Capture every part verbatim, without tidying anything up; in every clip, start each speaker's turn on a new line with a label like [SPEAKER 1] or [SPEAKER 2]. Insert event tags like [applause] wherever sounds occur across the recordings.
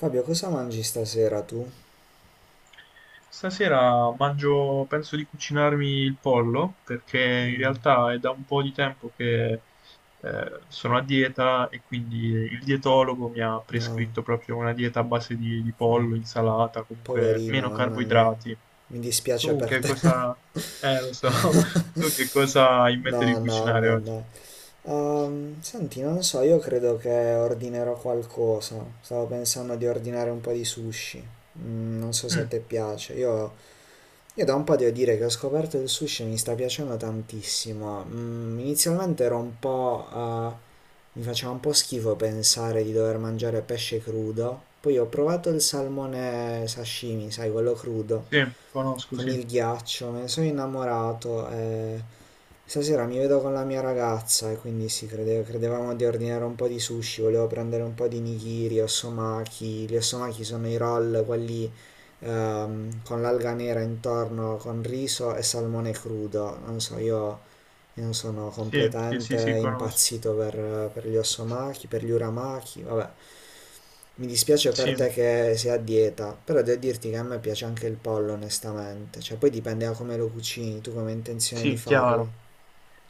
[SPEAKER 1] Fabio, cosa mangi stasera tu?
[SPEAKER 2] Stasera mangio, penso di cucinarmi il pollo perché in
[SPEAKER 1] Mm,
[SPEAKER 2] realtà è da un po' di tempo che eh, sono a dieta e quindi il dietologo mi ha
[SPEAKER 1] no,
[SPEAKER 2] prescritto proprio una dieta a base di, di
[SPEAKER 1] mm,
[SPEAKER 2] pollo, insalata, comunque
[SPEAKER 1] poverino,
[SPEAKER 2] meno
[SPEAKER 1] mamma mia.
[SPEAKER 2] carboidrati.
[SPEAKER 1] Mi dispiace
[SPEAKER 2] Tu
[SPEAKER 1] per
[SPEAKER 2] che
[SPEAKER 1] te.
[SPEAKER 2] cosa... Eh, lo so, [laughs] tu che cosa hai in mente di
[SPEAKER 1] No, no,
[SPEAKER 2] cucinare
[SPEAKER 1] beh,
[SPEAKER 2] oggi?
[SPEAKER 1] dai. Ehm, senti, non so, io credo che ordinerò qualcosa. Stavo pensando di ordinare un po' di sushi. Mm, non so se a
[SPEAKER 2] Mm,
[SPEAKER 1] te piace. Io, io da un po' devo dire che ho scoperto il sushi e mi sta piacendo tantissimo. Mm, inizialmente ero un po', eh, mi faceva un po' schifo pensare di dover mangiare pesce crudo. Poi ho provato il salmone sashimi, sai, quello crudo,
[SPEAKER 2] sì, conosco,
[SPEAKER 1] con
[SPEAKER 2] sì.
[SPEAKER 1] il ghiaccio, me ne sono innamorato. E... Stasera mi vedo con la mia ragazza e quindi sì, crede- credevamo di ordinare un po' di sushi, volevo prendere un po' di nigiri, osomaki. Gli osomaki sono i roll, quelli ehm, con l'alga nera intorno, con riso e salmone crudo. Non so, io io sono
[SPEAKER 2] Sì, sì,
[SPEAKER 1] completamente
[SPEAKER 2] sì, sì, conosco.
[SPEAKER 1] impazzito per, per gli Osomaki, per gli Uramaki, vabbè. Mi dispiace per
[SPEAKER 2] Sì,
[SPEAKER 1] te che sei a dieta, però devo dirti che a me piace anche il pollo, onestamente. Cioè, poi dipende da come lo cucini, tu come hai intenzione di
[SPEAKER 2] sì,
[SPEAKER 1] farlo.
[SPEAKER 2] chiaro.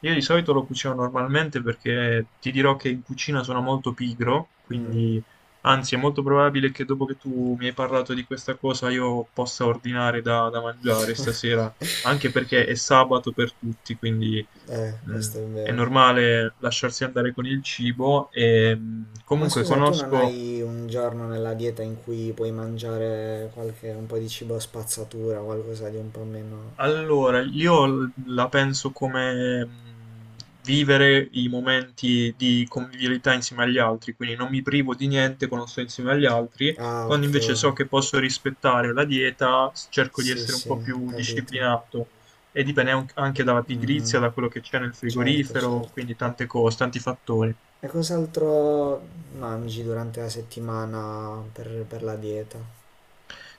[SPEAKER 2] Io di solito lo cucino normalmente perché ti dirò che in cucina sono molto pigro,
[SPEAKER 1] Mm,
[SPEAKER 2] quindi anzi è molto probabile che dopo che tu mi hai parlato di questa cosa io possa ordinare da, da mangiare stasera, anche perché è sabato per tutti, quindi
[SPEAKER 1] eh,
[SPEAKER 2] mh,
[SPEAKER 1] questo è
[SPEAKER 2] è
[SPEAKER 1] vero.
[SPEAKER 2] normale lasciarsi andare con il cibo e mh,
[SPEAKER 1] Ma
[SPEAKER 2] comunque
[SPEAKER 1] scusa, tu non
[SPEAKER 2] conosco.
[SPEAKER 1] hai un giorno nella dieta in cui puoi mangiare qualche, un po' di cibo spazzatura, qualcosa di un po' meno...
[SPEAKER 2] Allora, io l- la penso come mh, vivere i momenti di convivialità insieme agli altri, quindi non mi privo di niente quando sto insieme agli altri,
[SPEAKER 1] Ah,
[SPEAKER 2] quando
[SPEAKER 1] ok.
[SPEAKER 2] invece so che posso rispettare la dieta, s- cerco di
[SPEAKER 1] Sì,
[SPEAKER 2] essere un po'
[SPEAKER 1] sì,
[SPEAKER 2] più
[SPEAKER 1] capito.
[SPEAKER 2] disciplinato e dipende an- anche dalla
[SPEAKER 1] Mm, mm.
[SPEAKER 2] pigrizia, da quello che c'è nel
[SPEAKER 1] Certo,
[SPEAKER 2] frigorifero,
[SPEAKER 1] certo.
[SPEAKER 2] quindi tante cose, tanti fattori.
[SPEAKER 1] E cos'altro mangi durante la settimana per, per la dieta?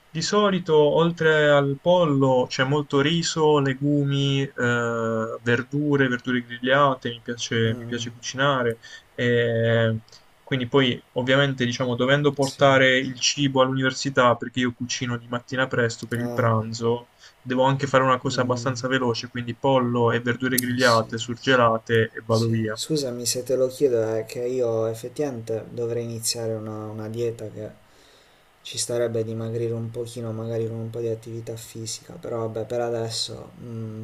[SPEAKER 2] Di solito, oltre al pollo, c'è molto riso, legumi, eh, verdure, verdure grigliate, mi piace, mi piace
[SPEAKER 1] Mm,
[SPEAKER 2] cucinare. E quindi poi, ovviamente, diciamo, dovendo
[SPEAKER 1] sì.
[SPEAKER 2] portare il cibo all'università, perché io cucino di mattina presto per il
[SPEAKER 1] Ah,
[SPEAKER 2] pranzo, devo anche fare una cosa
[SPEAKER 1] mm,
[SPEAKER 2] abbastanza veloce, quindi pollo e verdure
[SPEAKER 1] mm, sì,
[SPEAKER 2] grigliate, surgelate e vado
[SPEAKER 1] sì.
[SPEAKER 2] via.
[SPEAKER 1] Scusami se te lo chiedo, è che io effettivamente dovrei iniziare una, una dieta che ci starebbe dimagrire un pochino, magari con un po' di attività fisica, però vabbè, per adesso, mm,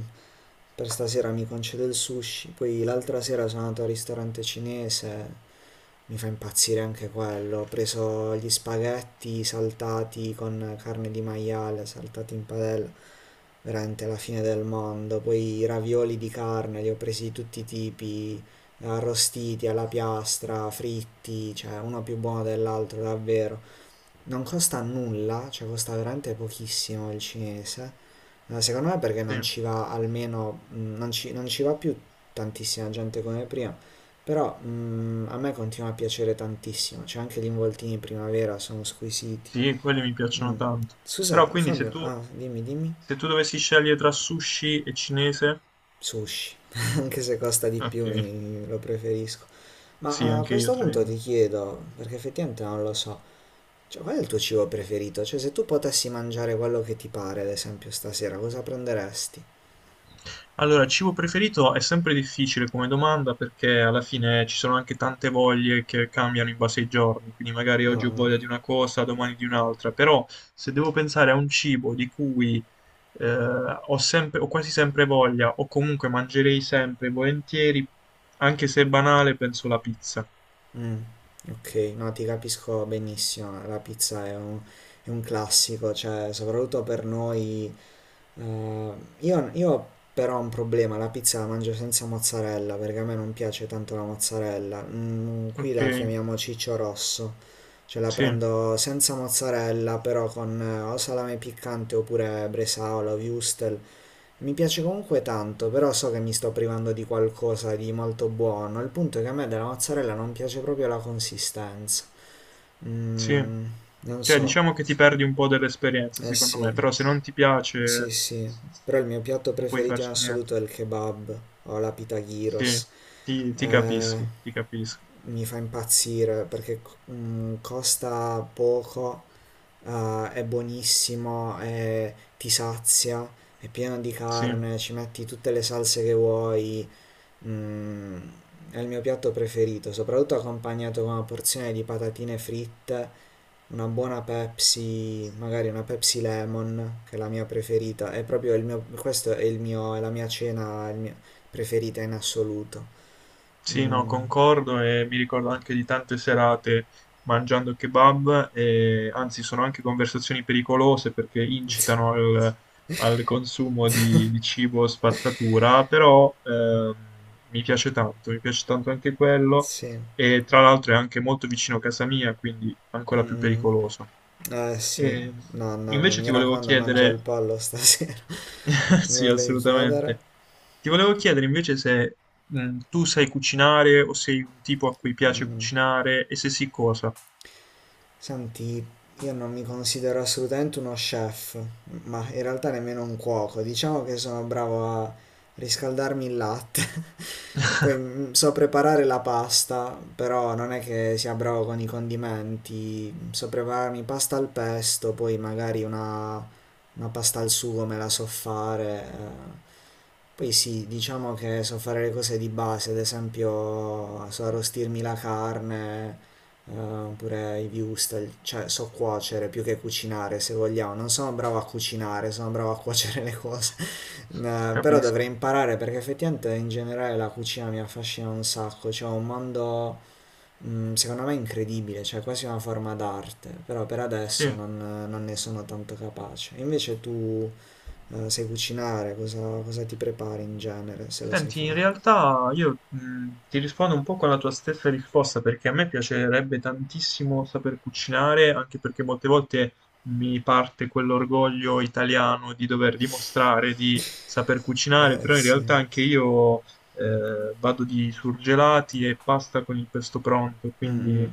[SPEAKER 1] per stasera mi concedo il sushi, poi l'altra sera sono andato al ristorante cinese, mi fa impazzire anche quello. Ho preso gli spaghetti saltati con carne di maiale, saltati in padella, veramente la fine del mondo. Poi i ravioli di carne, li ho presi di tutti i tipi, arrostiti alla piastra, fritti, cioè uno più buono dell'altro, davvero. Non costa nulla, cioè costa veramente pochissimo il cinese. Eh, Secondo me perché
[SPEAKER 2] Sì,
[SPEAKER 1] non ci va almeno, mh, non ci, non ci va più tantissima gente come prima, però mh, a me continua a piacere tantissimo, cioè anche gli involtini in primavera sono squisiti.
[SPEAKER 2] sì, quelle mi piacciono
[SPEAKER 1] Mm.
[SPEAKER 2] tanto. Però
[SPEAKER 1] Scusa
[SPEAKER 2] quindi se
[SPEAKER 1] Fabio,
[SPEAKER 2] tu,
[SPEAKER 1] ah, dimmi, dimmi.
[SPEAKER 2] se tu dovessi scegliere tra sushi e cinese...
[SPEAKER 1] Sushi, [laughs] anche se costa di più
[SPEAKER 2] Ok,
[SPEAKER 1] mi- lo preferisco.
[SPEAKER 2] sì,
[SPEAKER 1] Ma a
[SPEAKER 2] anche io
[SPEAKER 1] questo
[SPEAKER 2] tra i
[SPEAKER 1] punto ti
[SPEAKER 2] due.
[SPEAKER 1] chiedo, perché effettivamente non lo so, cioè, qual è il tuo cibo preferito? Cioè, se tu potessi mangiare quello che ti pare, ad esempio, stasera, cosa prenderesti?
[SPEAKER 2] Allora, cibo preferito è sempre difficile come domanda perché alla fine ci sono anche tante voglie che cambiano in base ai giorni, quindi magari oggi ho
[SPEAKER 1] Ah,
[SPEAKER 2] voglia di una cosa, domani di un'altra, però se devo pensare a un cibo di cui eh, ho sempre, ho quasi sempre voglia o comunque mangerei sempre volentieri, anche se è banale, penso la pizza.
[SPEAKER 1] mm, ok, no, ti capisco benissimo. La pizza è un, È un classico, cioè, soprattutto per noi. eh, io, io però ho un problema, la pizza la mangio senza mozzarella, perché a me non piace tanto la mozzarella. Mm, qui
[SPEAKER 2] Ok,
[SPEAKER 1] la chiamiamo ciccio rosso. Cioè la
[SPEAKER 2] sì.
[SPEAKER 1] prendo senza mozzarella, però con eh, o salame piccante oppure bresaola o wurstel. Mi piace comunque tanto, però so che mi sto privando di qualcosa di molto buono. Il punto è che a me della mozzarella non piace proprio la consistenza.
[SPEAKER 2] Sì.
[SPEAKER 1] Mm, Non
[SPEAKER 2] Cioè,
[SPEAKER 1] so.
[SPEAKER 2] diciamo che ti perdi un po' dell'esperienza,
[SPEAKER 1] Eh
[SPEAKER 2] secondo
[SPEAKER 1] sì,
[SPEAKER 2] me, però se non ti
[SPEAKER 1] sì,
[SPEAKER 2] piace
[SPEAKER 1] sì. Però il mio piatto
[SPEAKER 2] non puoi
[SPEAKER 1] preferito in
[SPEAKER 2] farci niente.
[SPEAKER 1] assoluto è il kebab o la pita
[SPEAKER 2] Sì,
[SPEAKER 1] gyros.
[SPEAKER 2] ti, ti
[SPEAKER 1] Eh,
[SPEAKER 2] capisco, ti capisco.
[SPEAKER 1] mi fa impazzire perché mm, costa poco, eh, è buonissimo, è- ti sazia, è pieno di
[SPEAKER 2] Sì.
[SPEAKER 1] carne, ci metti tutte le salse che vuoi. Mm, è il mio piatto preferito, soprattutto accompagnato con una porzione di patatine fritte, una buona Pepsi, magari una Pepsi Lemon, che è la mia preferita. È proprio il mio, questo è il mio, è la mia cena, il mio- preferita in assoluto.
[SPEAKER 2] Sì, no,
[SPEAKER 1] Mm,
[SPEAKER 2] concordo e mi ricordo anche di tante serate mangiando kebab e anzi sono anche conversazioni pericolose perché incitano al, al consumo di, di cibo spazzatura, però ehm, mi piace tanto, mi piace tanto anche quello
[SPEAKER 1] sì.
[SPEAKER 2] e tra l'altro è anche molto vicino a casa mia, quindi
[SPEAKER 1] Mm,
[SPEAKER 2] ancora più
[SPEAKER 1] mm.
[SPEAKER 2] pericoloso.
[SPEAKER 1] Eh sì,
[SPEAKER 2] E
[SPEAKER 1] no, no,
[SPEAKER 2] invece
[SPEAKER 1] mi
[SPEAKER 2] ti volevo
[SPEAKER 1] raccomando, mangia il
[SPEAKER 2] chiedere.
[SPEAKER 1] pollo stasera. [laughs]
[SPEAKER 2] [laughs]
[SPEAKER 1] Mi
[SPEAKER 2] Sì,
[SPEAKER 1] volevi chiedere?
[SPEAKER 2] assolutamente. Ti volevo chiedere invece se mm, tu sai cucinare o sei un tipo a cui piace
[SPEAKER 1] Mm.
[SPEAKER 2] cucinare e se sì cosa.
[SPEAKER 1] Senti, io non mi considero assolutamente uno chef, ma in realtà nemmeno un cuoco. Diciamo che sono bravo a riscaldarmi il latte. [laughs] Poi
[SPEAKER 2] [laughs]
[SPEAKER 1] mm, so preparare la pasta, però non è che sia bravo con i condimenti. So prepararmi pasta al pesto, poi magari una, una pasta al sugo me la so fare. Eh. Poi sì, diciamo che so fare le cose di base, ad esempio so arrostirmi la carne, eh, pure i viewstel, cioè so cuocere più che cucinare se vogliamo, non sono bravo a cucinare, sono bravo a cuocere le cose, [laughs] eh, però
[SPEAKER 2] Capisco.
[SPEAKER 1] dovrei imparare perché effettivamente in generale la cucina mi affascina un sacco, cioè è un mondo mm, secondo me incredibile, cioè quasi una forma d'arte, però per adesso
[SPEAKER 2] Sì.
[SPEAKER 1] non, non ne sono tanto capace. Invece tu eh, sai cucinare, cosa, cosa ti prepari in genere se lo sai
[SPEAKER 2] Senti, in
[SPEAKER 1] fare?
[SPEAKER 2] realtà io mh, ti rispondo un po' con la tua stessa risposta perché a me piacerebbe tantissimo saper cucinare, anche perché molte volte mi parte quell'orgoglio italiano di dover dimostrare di saper
[SPEAKER 1] [laughs]
[SPEAKER 2] cucinare,
[SPEAKER 1] Eh
[SPEAKER 2] però in
[SPEAKER 1] sì,
[SPEAKER 2] realtà anche io eh, vado di surgelati e pasta con il pesto pronto,
[SPEAKER 1] mm, mm.
[SPEAKER 2] quindi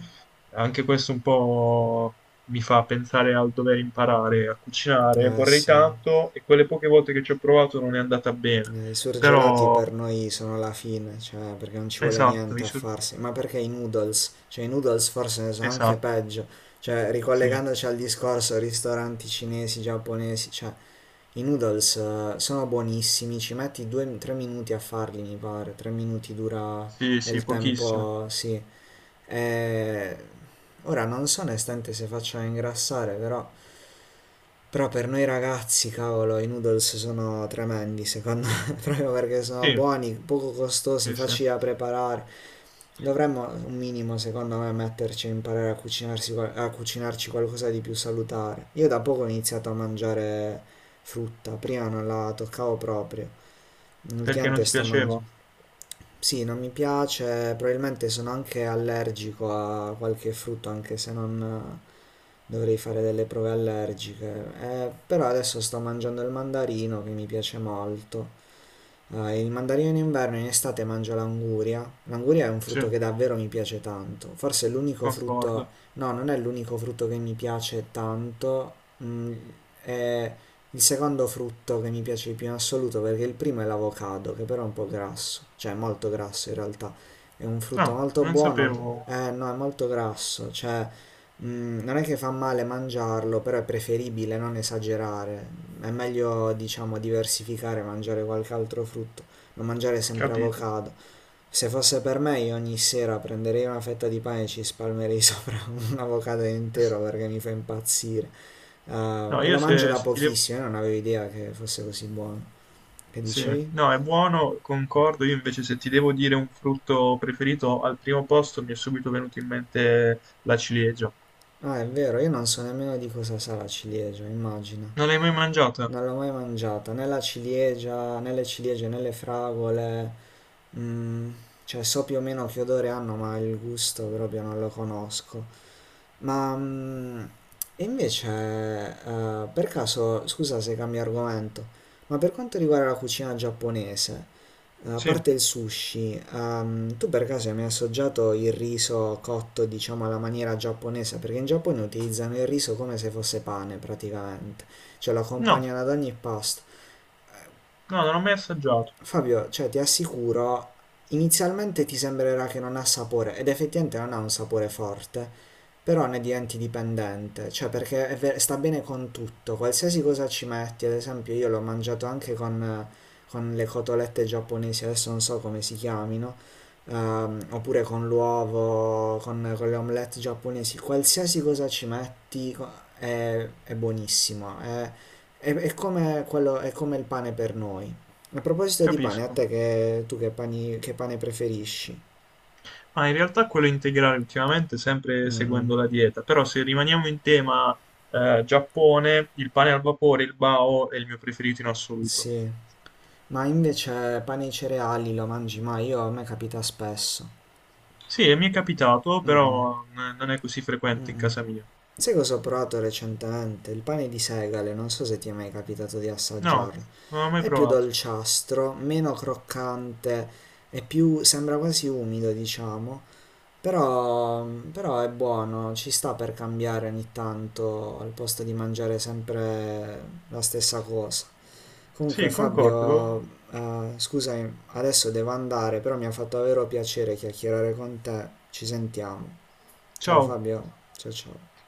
[SPEAKER 2] anche questo un po' mi fa pensare al dover imparare a cucinare.
[SPEAKER 1] Eh
[SPEAKER 2] Vorrei
[SPEAKER 1] sì.
[SPEAKER 2] tanto e quelle poche volte che ci ho provato non è andata bene,
[SPEAKER 1] Eh, i surgelati
[SPEAKER 2] però...
[SPEAKER 1] per noi sono la fine, cioè perché non ci vuole
[SPEAKER 2] Esatto,
[SPEAKER 1] niente
[SPEAKER 2] i
[SPEAKER 1] a
[SPEAKER 2] sur-
[SPEAKER 1] farsi, ma perché i noodles? Cioè i noodles forse ne sono anche
[SPEAKER 2] esatto,
[SPEAKER 1] peggio, cioè
[SPEAKER 2] sì,
[SPEAKER 1] ricollegandoci al discorso ristoranti cinesi, giapponesi, cioè i noodles eh, sono buonissimi, ci metti due o tre minuti a farli mi pare, 3 minuti dura
[SPEAKER 2] sì,
[SPEAKER 1] è
[SPEAKER 2] sì,
[SPEAKER 1] il
[SPEAKER 2] pochissimo.
[SPEAKER 1] tempo, sì. E... Ora non so onestamente se faccia ingrassare, però però per noi ragazzi, cavolo, i noodles sono tremendi, secondo me, [laughs] proprio perché sono
[SPEAKER 2] Sì,
[SPEAKER 1] buoni, poco costosi,
[SPEAKER 2] sì, sì,
[SPEAKER 1] facili da preparare. Dovremmo un minimo, secondo me, metterci a imparare a, cucinarsi qual- a cucinarci qualcosa di più salutare. Io da poco ho iniziato a mangiare frutta, prima non la toccavo proprio.
[SPEAKER 2] perché non
[SPEAKER 1] Ultimamente
[SPEAKER 2] ti
[SPEAKER 1] sto
[SPEAKER 2] piaceva?
[SPEAKER 1] mangiando. Sì, non mi piace, probabilmente sono anche allergico a qualche frutto, anche se non eh, dovrei fare delle prove allergiche. Eh, però adesso sto mangiando il mandarino che mi piace molto. Ah, il mandarino in inverno e in estate mangio l'anguria. L'anguria è un
[SPEAKER 2] Sì,
[SPEAKER 1] frutto che davvero mi piace tanto. Forse è l'unico frutto,
[SPEAKER 2] concordo.
[SPEAKER 1] no, non è l'unico frutto che mi piace tanto, mm, è il secondo frutto che mi piace di più in assoluto perché il primo è l'avocado, che però è un po' grasso, cioè è molto grasso in realtà. È un
[SPEAKER 2] No,
[SPEAKER 1] frutto molto
[SPEAKER 2] non
[SPEAKER 1] buono,
[SPEAKER 2] sapevo,
[SPEAKER 1] eh no, è molto grasso, cioè mm, non è che fa male mangiarlo, però è preferibile non esagerare. È meglio, diciamo, diversificare, mangiare qualche altro frutto, non mangiare sempre
[SPEAKER 2] capito.
[SPEAKER 1] avocado. Se fosse per me, io ogni sera prenderei una fetta di pane e ci spalmerei [laughs] sopra un avocado intero perché mi fa impazzire. Eh,
[SPEAKER 2] No,
[SPEAKER 1] e
[SPEAKER 2] io
[SPEAKER 1] lo
[SPEAKER 2] se,
[SPEAKER 1] mangio da
[SPEAKER 2] se ti devo...
[SPEAKER 1] pochissimo, io non avevo idea che fosse così buono. Che
[SPEAKER 2] Sì,
[SPEAKER 1] dicevi?
[SPEAKER 2] no, è buono, concordo, io invece se ti devo dire un frutto preferito, al primo posto mi è subito venuto in mente la ciliegia.
[SPEAKER 1] Ah, è vero, io non so nemmeno di cosa sa la ciliegia, immagina.
[SPEAKER 2] Non l'hai mai mangiata?
[SPEAKER 1] Non l'ho mai mangiata, né la ciliegia, né le ciliegie, né le fragole. Mm, cioè so più o meno che odore hanno, ma il gusto proprio non lo conosco. Ma mm, e invece, eh, per caso, scusa se cambio argomento, ma per quanto riguarda la cucina giapponese, eh, a
[SPEAKER 2] Sì.
[SPEAKER 1] parte il sushi, ehm, tu per caso hai mai assaggiato il riso cotto, diciamo, alla maniera giapponese? Perché in Giappone utilizzano il riso come se fosse pane, praticamente. Cioè lo
[SPEAKER 2] No,
[SPEAKER 1] accompagnano ad ogni pasto.
[SPEAKER 2] no, non l'ho mai assaggiato,
[SPEAKER 1] Fabio, cioè, ti assicuro, inizialmente ti sembrerà che non ha sapore, ed effettivamente non ha un sapore forte, però ne diventi dipendente, cioè perché è ver- sta bene con tutto, qualsiasi cosa ci metti, ad esempio io l'ho mangiato anche con, con le cotolette giapponesi, adesso non so come si chiamino, ehm, oppure con l'uovo, con, con le omelette giapponesi, qualsiasi cosa ci metti co- è, è buonissimo, è, è- è come quello- è come il pane per noi. A proposito di pane, a
[SPEAKER 2] capisco.
[SPEAKER 1] te che tu che, pani- che pane preferisci?
[SPEAKER 2] Ma in realtà quello integrale ultimamente sempre
[SPEAKER 1] Mm,
[SPEAKER 2] seguendo la dieta, però se rimaniamo in tema eh, Giappone, il pane al vapore, il bao è il mio preferito in assoluto.
[SPEAKER 1] sì, ma invece pane e cereali lo mangi mai? Io a me capita spesso.
[SPEAKER 2] Sì, mi è capitato,
[SPEAKER 1] Mm,
[SPEAKER 2] però n- non è così frequente in
[SPEAKER 1] mm.
[SPEAKER 2] casa mia.
[SPEAKER 1] Sai cosa ho provato recentemente? Il pane di segale, non so se ti è mai capitato di
[SPEAKER 2] No,
[SPEAKER 1] assaggiarlo.
[SPEAKER 2] non l'ho mai
[SPEAKER 1] È più
[SPEAKER 2] provato.
[SPEAKER 1] dolciastro, meno croccante e più, sembra quasi umido, diciamo. Però, però è buono, ci sta per cambiare ogni tanto al posto di mangiare sempre la stessa cosa. Comunque
[SPEAKER 2] Sì,
[SPEAKER 1] Fabio,
[SPEAKER 2] concordo.
[SPEAKER 1] eh, scusami, adesso devo andare, però mi ha fatto davvero piacere chiacchierare con te. Ci sentiamo. Ciao
[SPEAKER 2] Ciao.
[SPEAKER 1] Fabio, ciao ciao.